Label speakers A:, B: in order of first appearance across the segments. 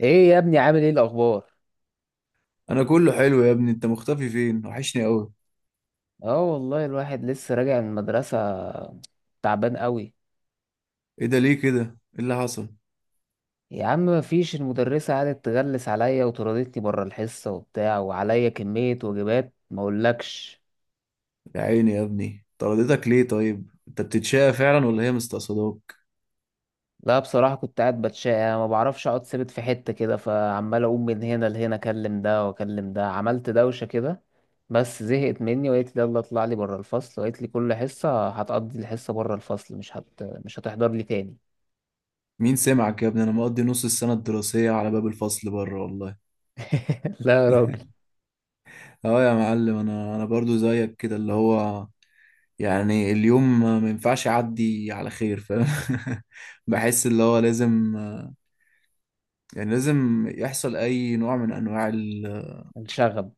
A: ايه يا ابني، عامل ايه الاخبار؟
B: انا كله حلو يا ابني، انت مختفي فين؟ وحشني قوي.
A: اه، والله الواحد لسه راجع من المدرسة، تعبان قوي.
B: ايه ده؟ ليه كده؟ ايه اللي حصل؟
A: يا عم مفيش، المدرسة قعدت تغلس عليا وطردتني بره الحصة وبتاع، وعليا كمية واجبات ما اقولكش.
B: يا عيني يا ابني، طردتك ليه؟ طيب انت بتتشقى فعلا ولا هي مستقصداك؟
A: لا، بصراحة كنت قاعد بتشقى. أنا ما بعرفش اقعد ثابت في حتة كده، فعمال اقوم من هنا لهنا اكلم ده واكلم ده، عملت دوشة كده. بس زهقت مني وقالت لي يلا اطلع لي بره الفصل، وقالت لي كل حصة هتقضي الحصة بره الفصل، مش هتحضر لي تاني.
B: مين سمعك يا ابني، انا مقضي نص السنه الدراسيه على باب الفصل بره والله.
A: لا يا راجل.
B: اه يا معلم، انا برضو زيك كده، اللي هو يعني اليوم ما ينفعش يعدي على خير، فاهم. بحس اللي هو لازم، يعني لازم يحصل اي نوع من انواع ال-
A: الشغب.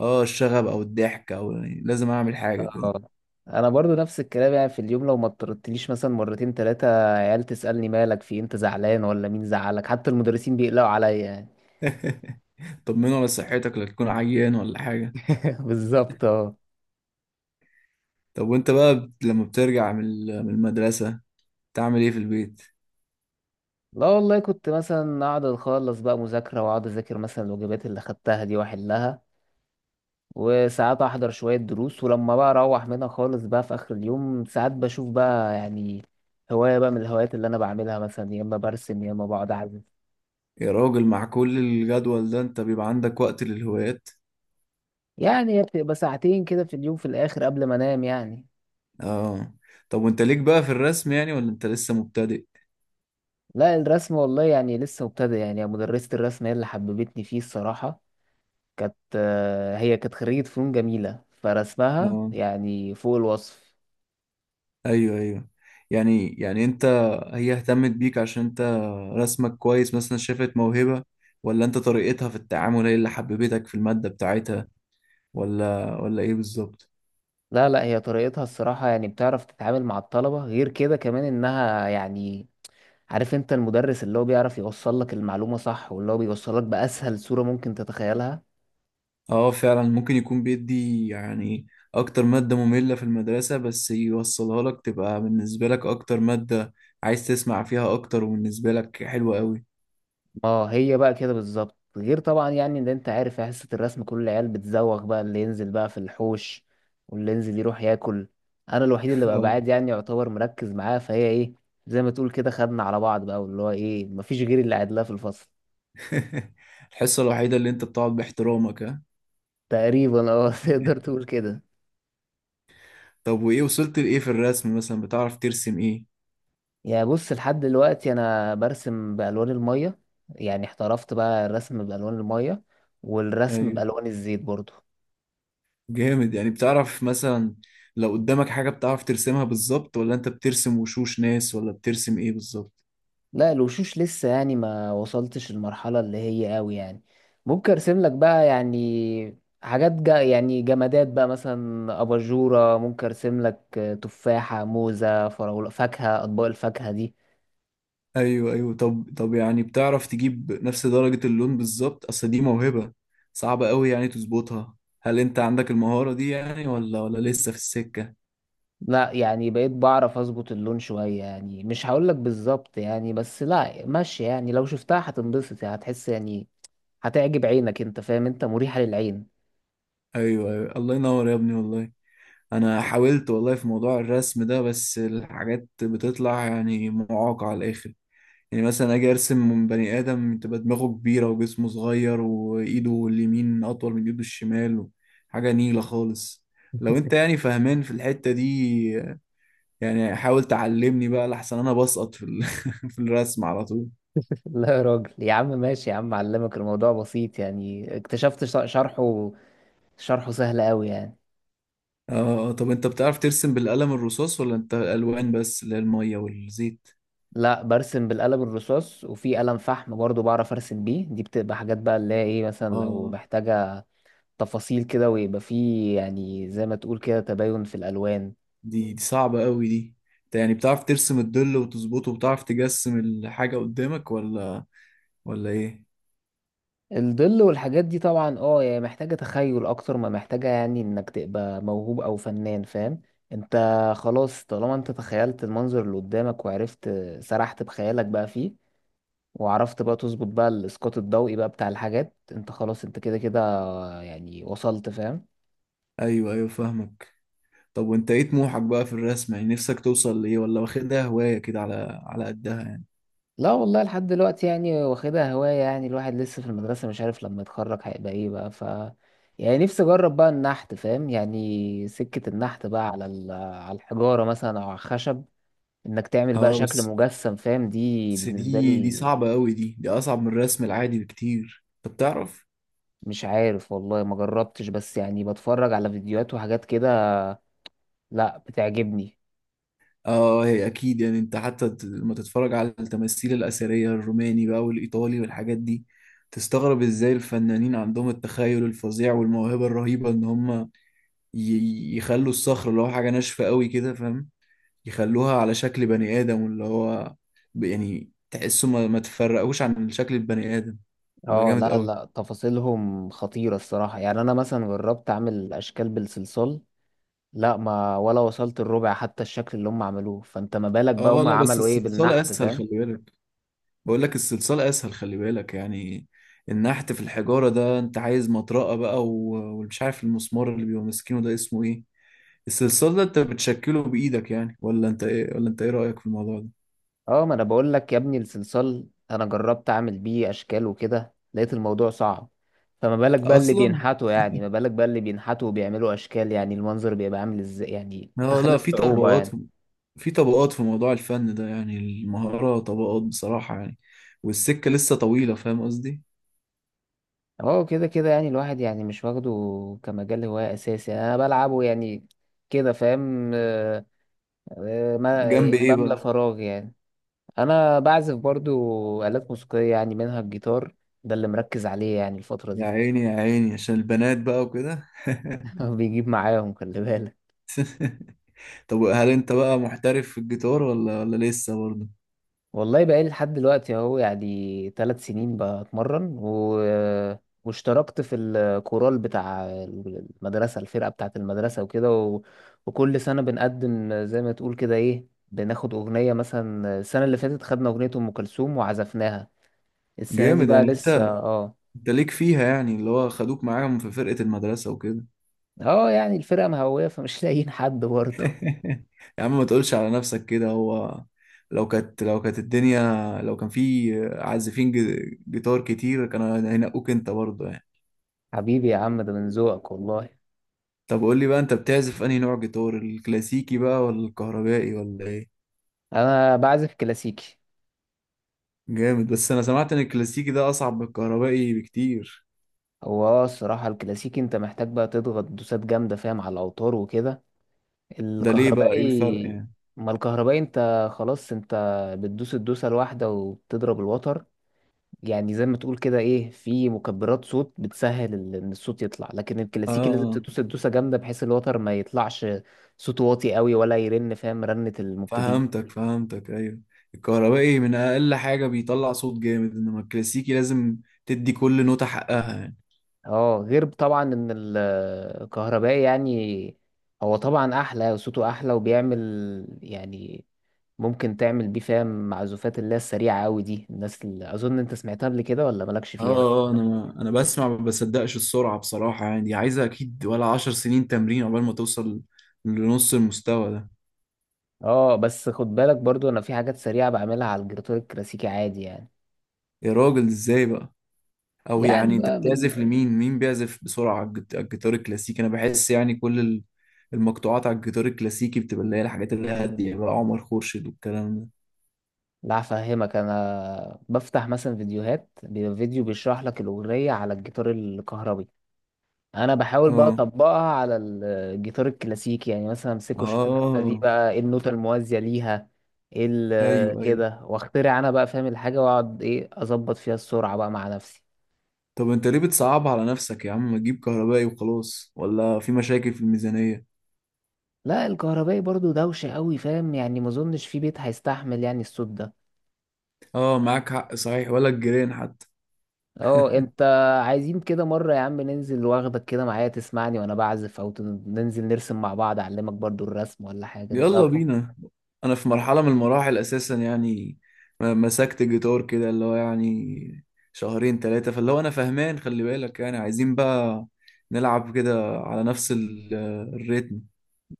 B: اه، الشغب او الضحك، او يعني لازم اعمل حاجه كده.
A: اه، انا برضو نفس الكلام، يعني في اليوم لو ما اضطرتليش مثلا مرتين ثلاثه، عيال تسالني مالك في إيه؟ انت زعلان ولا مين زعلك؟ حتى المدرسين بيقلقوا عليا يعني.
B: طمنوا على صحتك، لا تكون عيان ولا حاجة.
A: بالظبط، اه.
B: طب وانت بقى لما بترجع من المدرسة تعمل ايه في البيت؟
A: لا والله، كنت مثلا اقعد اخلص بقى مذاكره، واقعد اذاكر مثلا الواجبات اللي خدتها دي واحلها. وساعات احضر شويه دروس، ولما بقى اروح منها خالص بقى في اخر اليوم، ساعات بشوف بقى يعني هوايه بقى من الهوايات اللي انا بعملها، مثلا يا اما برسم يا اما بقعد اعزف.
B: يا راجل، مع كل الجدول ده انت بيبقى عندك وقت للهوايات؟
A: يعني هي بتبقى ساعتين كده في اليوم، في الاخر قبل ما انام يعني.
B: اه. طب وانت ليك بقى في الرسم يعني، ولا انت لسه مبتدئ؟
A: لا الرسم والله يعني لسه مبتدئ، يعني مدرسة الرسم هي اللي حببتني فيه الصراحة. كانت هي كانت خريجة فنون جميلة، فرسمها
B: اه،
A: يعني فوق الوصف.
B: ايوه، ايوه. يعني انت، هي اهتمت بيك عشان انت رسمك كويس، مثلا شافت موهبة؟ ولا انت طريقتها في التعامل هي اللي حببتك في المادة بتاعتها؟ ولا ايه بالظبط؟
A: لا لا، هي طريقتها الصراحة، يعني بتعرف تتعامل مع الطلبة غير كده، كمان انها يعني عارف انت المدرس اللي هو بيعرف يوصل لك المعلومة صح، واللي هو بيوصل لك بأسهل صورة ممكن تتخيلها.
B: اه فعلا، ممكن يكون بيدي يعني اكتر مادة مملة في المدرسة، بس يوصلها لك تبقى بالنسبة لك اكتر مادة عايز تسمع فيها اكتر، وبالنسبة لك حلوة قوي.
A: اه، هي بقى كده بالظبط، غير طبعا يعني ان انت عارف يا حصة الرسم كل العيال بتزوغ بقى، اللي ينزل بقى في الحوش واللي ينزل يروح ياكل. انا الوحيد اللي بقى
B: اه.
A: بعاد يعني، يعتبر مركز معاها، فهي ايه زي ما تقول كده خدنا على بعض بقى، واللي هو ايه مفيش غير اللي قاعد لها في الفصل.
B: الحصة الوحيدة اللي انت بتقعد باحترامك، ها؟
A: تقريبا اه. تقدر تقول كده.
B: طب وايه وصلت لايه في الرسم؟ مثلا بتعرف ترسم ايه؟
A: يا بص، لحد دلوقتي انا برسم بالوان المية. يعني احترفت بقى الرسم بالوان المية، والرسم
B: ايوه،
A: بالوان الزيت برضو.
B: جامد. يعني بتعرف مثلا لو قدامك حاجة بتعرف ترسمها بالظبط، ولا انت بترسم وشوش ناس، ولا بترسم ايه بالظبط؟
A: لا الوشوش لسه يعني ما وصلتش المرحلة اللي هي قوي يعني. ممكن ارسم لك بقى يعني حاجات جا يعني جمادات بقى، مثلا اباجورة ممكن ارسم لك، تفاحة موزة فراولة فاكهة، اطباق الفاكهة دي.
B: ايوه، ايوه. طب يعني بتعرف تجيب نفس درجة اللون بالظبط؟ اصل دي موهبة صعبة قوي يعني تظبطها. هل انت عندك المهارة دي يعني، ولا لسه في السكة؟
A: لا، يعني بقيت بعرف اظبط اللون شوية، يعني مش هقول لك بالظبط يعني، بس لا ماشي يعني لو شفتها هتنبسط، يعني هتحس يعني هتعجب عينك، انت فاهم، انت مريحة للعين.
B: ايوه، ايوه، الله ينور يا ابني والله. انا حاولت والله في موضوع الرسم ده، بس الحاجات بتطلع يعني معاقة على الاخر. يعني مثلا اجي ارسم من بني ادم تبقى دماغه كبيرة وجسمه صغير، وايده اليمين اطول من ايده الشمال. حاجة نيلة خالص. لو انت يعني فاهمان في الحتة دي، يعني حاول تعلمني بقى لحسن انا بسقط في في الرسم على طول.
A: لا يا راجل، يا عم ماشي يا عم، علمك الموضوع بسيط يعني، اكتشفت شرحه، شرحه سهل قوي يعني.
B: اه، طب انت بتعرف ترسم بالقلم الرصاص، ولا انت الالوان بس اللي هي الميه والزيت؟
A: لا برسم بالقلم الرصاص، وفي قلم فحم برضو بعرف ارسم بيه. دي بتبقى حاجات بقى اللي هي ايه، مثلا لو
B: اه.
A: محتاجة تفاصيل كده، ويبقى فيه يعني زي ما تقول كده تباين في الالوان.
B: دي صعبة قوي دي. انت يعني بتعرف ترسم الظل وتظبطه، وبتعرف تجسم الحاجة قدامك، ولا ايه؟
A: الظل والحاجات دي طبعا اه، يعني محتاجة تخيل اكتر ما محتاجة يعني انك تبقى موهوب او فنان، فاهم انت. خلاص، طالما انت تخيلت المنظر اللي قدامك وعرفت، سرحت بخيالك بقى فيه، وعرفت بقى تظبط بقى الاسقاط الضوئي بقى بتاع الحاجات، انت خلاص، انت كده كده يعني وصلت، فاهم.
B: ايوه، ايوه، فاهمك. طب وانت ايه طموحك بقى في الرسم، يعني نفسك توصل لايه، ولا واخدها هواية كده على قدها؟
A: لا والله، لحد دلوقتي يعني واخدها هواية، يعني الواحد لسه في المدرسة مش عارف لما يتخرج هيبقى ايه بقى، ف يعني نفسي اجرب بقى النحت، فاهم؟ يعني سكة النحت بقى على الحجارة مثلا او على الخشب، انك تعمل بقى
B: اه،
A: شكل
B: بس
A: مجسم، فاهم؟ دي
B: بس
A: بالنسبة
B: دي
A: لي.
B: صعبة قوي، دي اصعب من الرسم العادي بكتير. طب تعرف؟
A: مش عارف والله، ما جربتش، بس يعني بتفرج على فيديوهات وحاجات كده. لا، بتعجبني.
B: اه، هي اكيد. يعني انت حتى لما تتفرج على التماثيل الاثريه الروماني بقى والايطالي والحاجات دي، تستغرب ازاي الفنانين عندهم التخيل الفظيع والموهبه الرهيبه، ان هم يخلوا الصخره اللي هو حاجه ناشفه قوي كده، فاهم؟ يخلوها على شكل بني ادم، واللي هو يعني تحسه ما تفرقوش عن شكل البني ادم. يبقى
A: اه
B: جامد
A: لا
B: قوي.
A: لا، تفاصيلهم خطيرة الصراحة، يعني انا مثلا جربت اعمل اشكال بالصلصال. لا ما ولا وصلت الربع حتى الشكل اللي هم عملوه، فانت ما بالك بقى
B: اه،
A: هم
B: لا، بس
A: عملوا ايه
B: الصلصال
A: بالنحت،
B: اسهل،
A: فاهم.
B: خلي بالك. بقول لك الصلصال اسهل، خلي بالك يعني. النحت في الحجارة ده انت عايز مطرقة بقى، ومش عارف المسمار اللي بيبقى ماسكينه ده اسمه ايه. الصلصال ده انت بتشكله بايدك يعني، ولا انت ايه رأيك في الموضوع ده
A: اه، ما انا بقول لك يا ابني الصلصال، انا جربت اعمل بيه اشكال وكده، لقيت الموضوع صعب. فما بالك بقى اللي
B: اصلا؟
A: بينحتوا، يعني ما بالك بقى اللي بينحتوا وبيعملوا اشكال، يعني المنظر بيبقى عامل ازاي، يعني
B: اه،
A: تخيل
B: لا، في
A: الصعوبة
B: طبقات
A: يعني.
B: في طبقات في موضوع الفن ده، يعني المهارة طبقات بصراحة يعني. والسكة لسه طويلة، فاهم قصدي؟
A: اه كده كده يعني الواحد يعني مش واخده كمجال هواية أساسي أنا بلعبه يعني كده، فاهم. ما
B: جنب ايه
A: بملى
B: بقى؟
A: فراغ يعني. أنا بعزف برضو آلات موسيقية، يعني منها الجيتار، ده اللي مركز عليه يعني الفترة
B: يا
A: دي.
B: عيني يا عيني، عشان البنات بقى وكده.
A: بيجيب معاهم خلي بالك.
B: طب هل انت بقى محترف في الجيتار، ولا لسه برضه؟
A: والله بقالي لحد دلوقتي اهو، يعني 3 سنين بتمرن واشتركت في الكورال بتاع المدرسة، الفرقة بتاعة المدرسة وكده وكل سنة بنقدم زي ما تقول كده ايه، بناخد أغنية، مثلا السنة اللي فاتت خدنا أغنية أم كلثوم وعزفناها. السنة دي
B: جامد.
A: بقى
B: يعني انت
A: لسه، اه.
B: انت ليك فيها، يعني اللي هو خدوك معاهم في فرقة المدرسة وكده.
A: اه، يعني الفرقة مهوية فمش لاقيين حد برضه.
B: يا عم، ما تقولش على نفسك كده. هو لو كانت الدنيا، لو كان في عازفين جيتار كتير، كانوا هينقوك انت برضه يعني.
A: حبيبي يا عم، ده من ذوقك والله.
B: طب قول لي بقى، انت بتعزف انهي نوع جيتار، الكلاسيكي بقى ولا الكهربائي ولا ايه؟
A: أنا بعزف كلاسيكي.
B: جامد، بس انا سمعت ان الكلاسيكي ده اصعب من الكهربائي بكتير.
A: هو اه، الصراحة الكلاسيكي انت محتاج بقى تضغط دوسات جامدة، فاهم، على الأوتار وكده.
B: ده ليه بقى؟ ايه الفرق
A: الكهربائي،
B: يعني؟
A: ما الكهربائي انت خلاص، انت بتدوس الدوسة الواحدة وبتضرب الوتر، يعني زي ما تقول كده ايه، في مكبرات صوت بتسهل ان الصوت يطلع، لكن
B: اه،
A: الكلاسيكي لازم
B: آه.
A: تدوس الدوسة جامدة بحيث الوتر ما يطلعش صوته واطي قوي ولا يرن، فاهم، رنة المبتدئين.
B: فهمتك، فهمتك، ايوه. الكهربائي من اقل حاجه بيطلع صوت جامد، انما الكلاسيكي لازم تدي كل نوتة حقها يعني.
A: اه، غير طبعا ان الكهربائي يعني هو طبعا احلى، صوته احلى وبيعمل يعني ممكن تعمل بيه، فاهم، معزوفات اللي هي السريعة أوي دي، الناس اللي أظن أنت سمعتها قبل كده ولا مالكش
B: اه،
A: فيها.
B: آه، انا بسمع ما بصدقش السرعه بصراحه، يعني دي عايزه اكيد ولا 10 سنين تمرين عقبال ما توصل لنص المستوى ده.
A: اه بس خد بالك برضو، أنا في حاجات سريعة بعملها على الجراتور الكلاسيكي عادي يعني.
B: يا راجل، ازاي بقى؟ او
A: يعني
B: يعني انت
A: بقى
B: بتعزف لمين؟ مين بيعزف بسرعه على على الجيتار الكلاسيكي؟ انا بحس يعني كل المقطوعات على الجيتار الكلاسيكي بتبقى اللي هي الحاجات اللي هاديه بقى، عمر خورشيد والكلام ده.
A: لا هفهمك، أنا بفتح مثلا فيديوهات، بيبقى فيديو بيشرح لك الأغنية على الجيتار الكهربي، أنا بحاول بقى
B: اه،
A: أطبقها على الجيتار الكلاسيكي، يعني مثلا
B: اه،
A: أمسكه أشوف
B: آه،
A: النوتة دي
B: آه.
A: بقى إيه النوتة الموازية ليها، إيه
B: ايوه، ايوه.
A: كده، وأخترع أنا بقى فاهم الحاجة، وأقعد إيه أظبط فيها السرعة بقى مع نفسي.
B: طب انت ليه بتصعب على نفسك يا عم؟ ما تجيب كهربائي وخلاص، ولا في مشاكل في الميزانية؟
A: لا، الكهربائي برضو دوشة قوي فاهم، يعني ما اظنش في بيت هيستحمل يعني الصوت ده.
B: اه، معاك حق صحيح، ولا الجيران حتى.
A: اه، انت عايزين كده مرة يا عم ننزل واخدك كده معايا تسمعني وانا بعزف، او ننزل نرسم مع بعض، اعلمك برضو الرسم ولا حاجة، انت
B: يلا بينا. انا في مرحلة من المراحل اساسا يعني، مسكت الجيتار كده اللي هو يعني شهرين 3، فاللي هو انا فهمان خلي بالك. يعني عايزين بقى نلعب كده على نفس الريتم.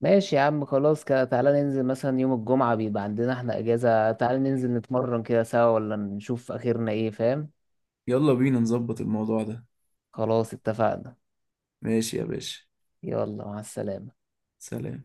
A: ماشي يا عم، خلاص كده تعالى ننزل مثلا يوم الجمعة بيبقى عندنا احنا اجازة، تعالى ننزل نتمرن كده سوا، ولا نشوف اخرنا ايه، فاهم.
B: يلا بينا نظبط الموضوع ده.
A: خلاص اتفقنا.
B: ماشي يا باشا.
A: يلا مع السلامة.
B: سلام.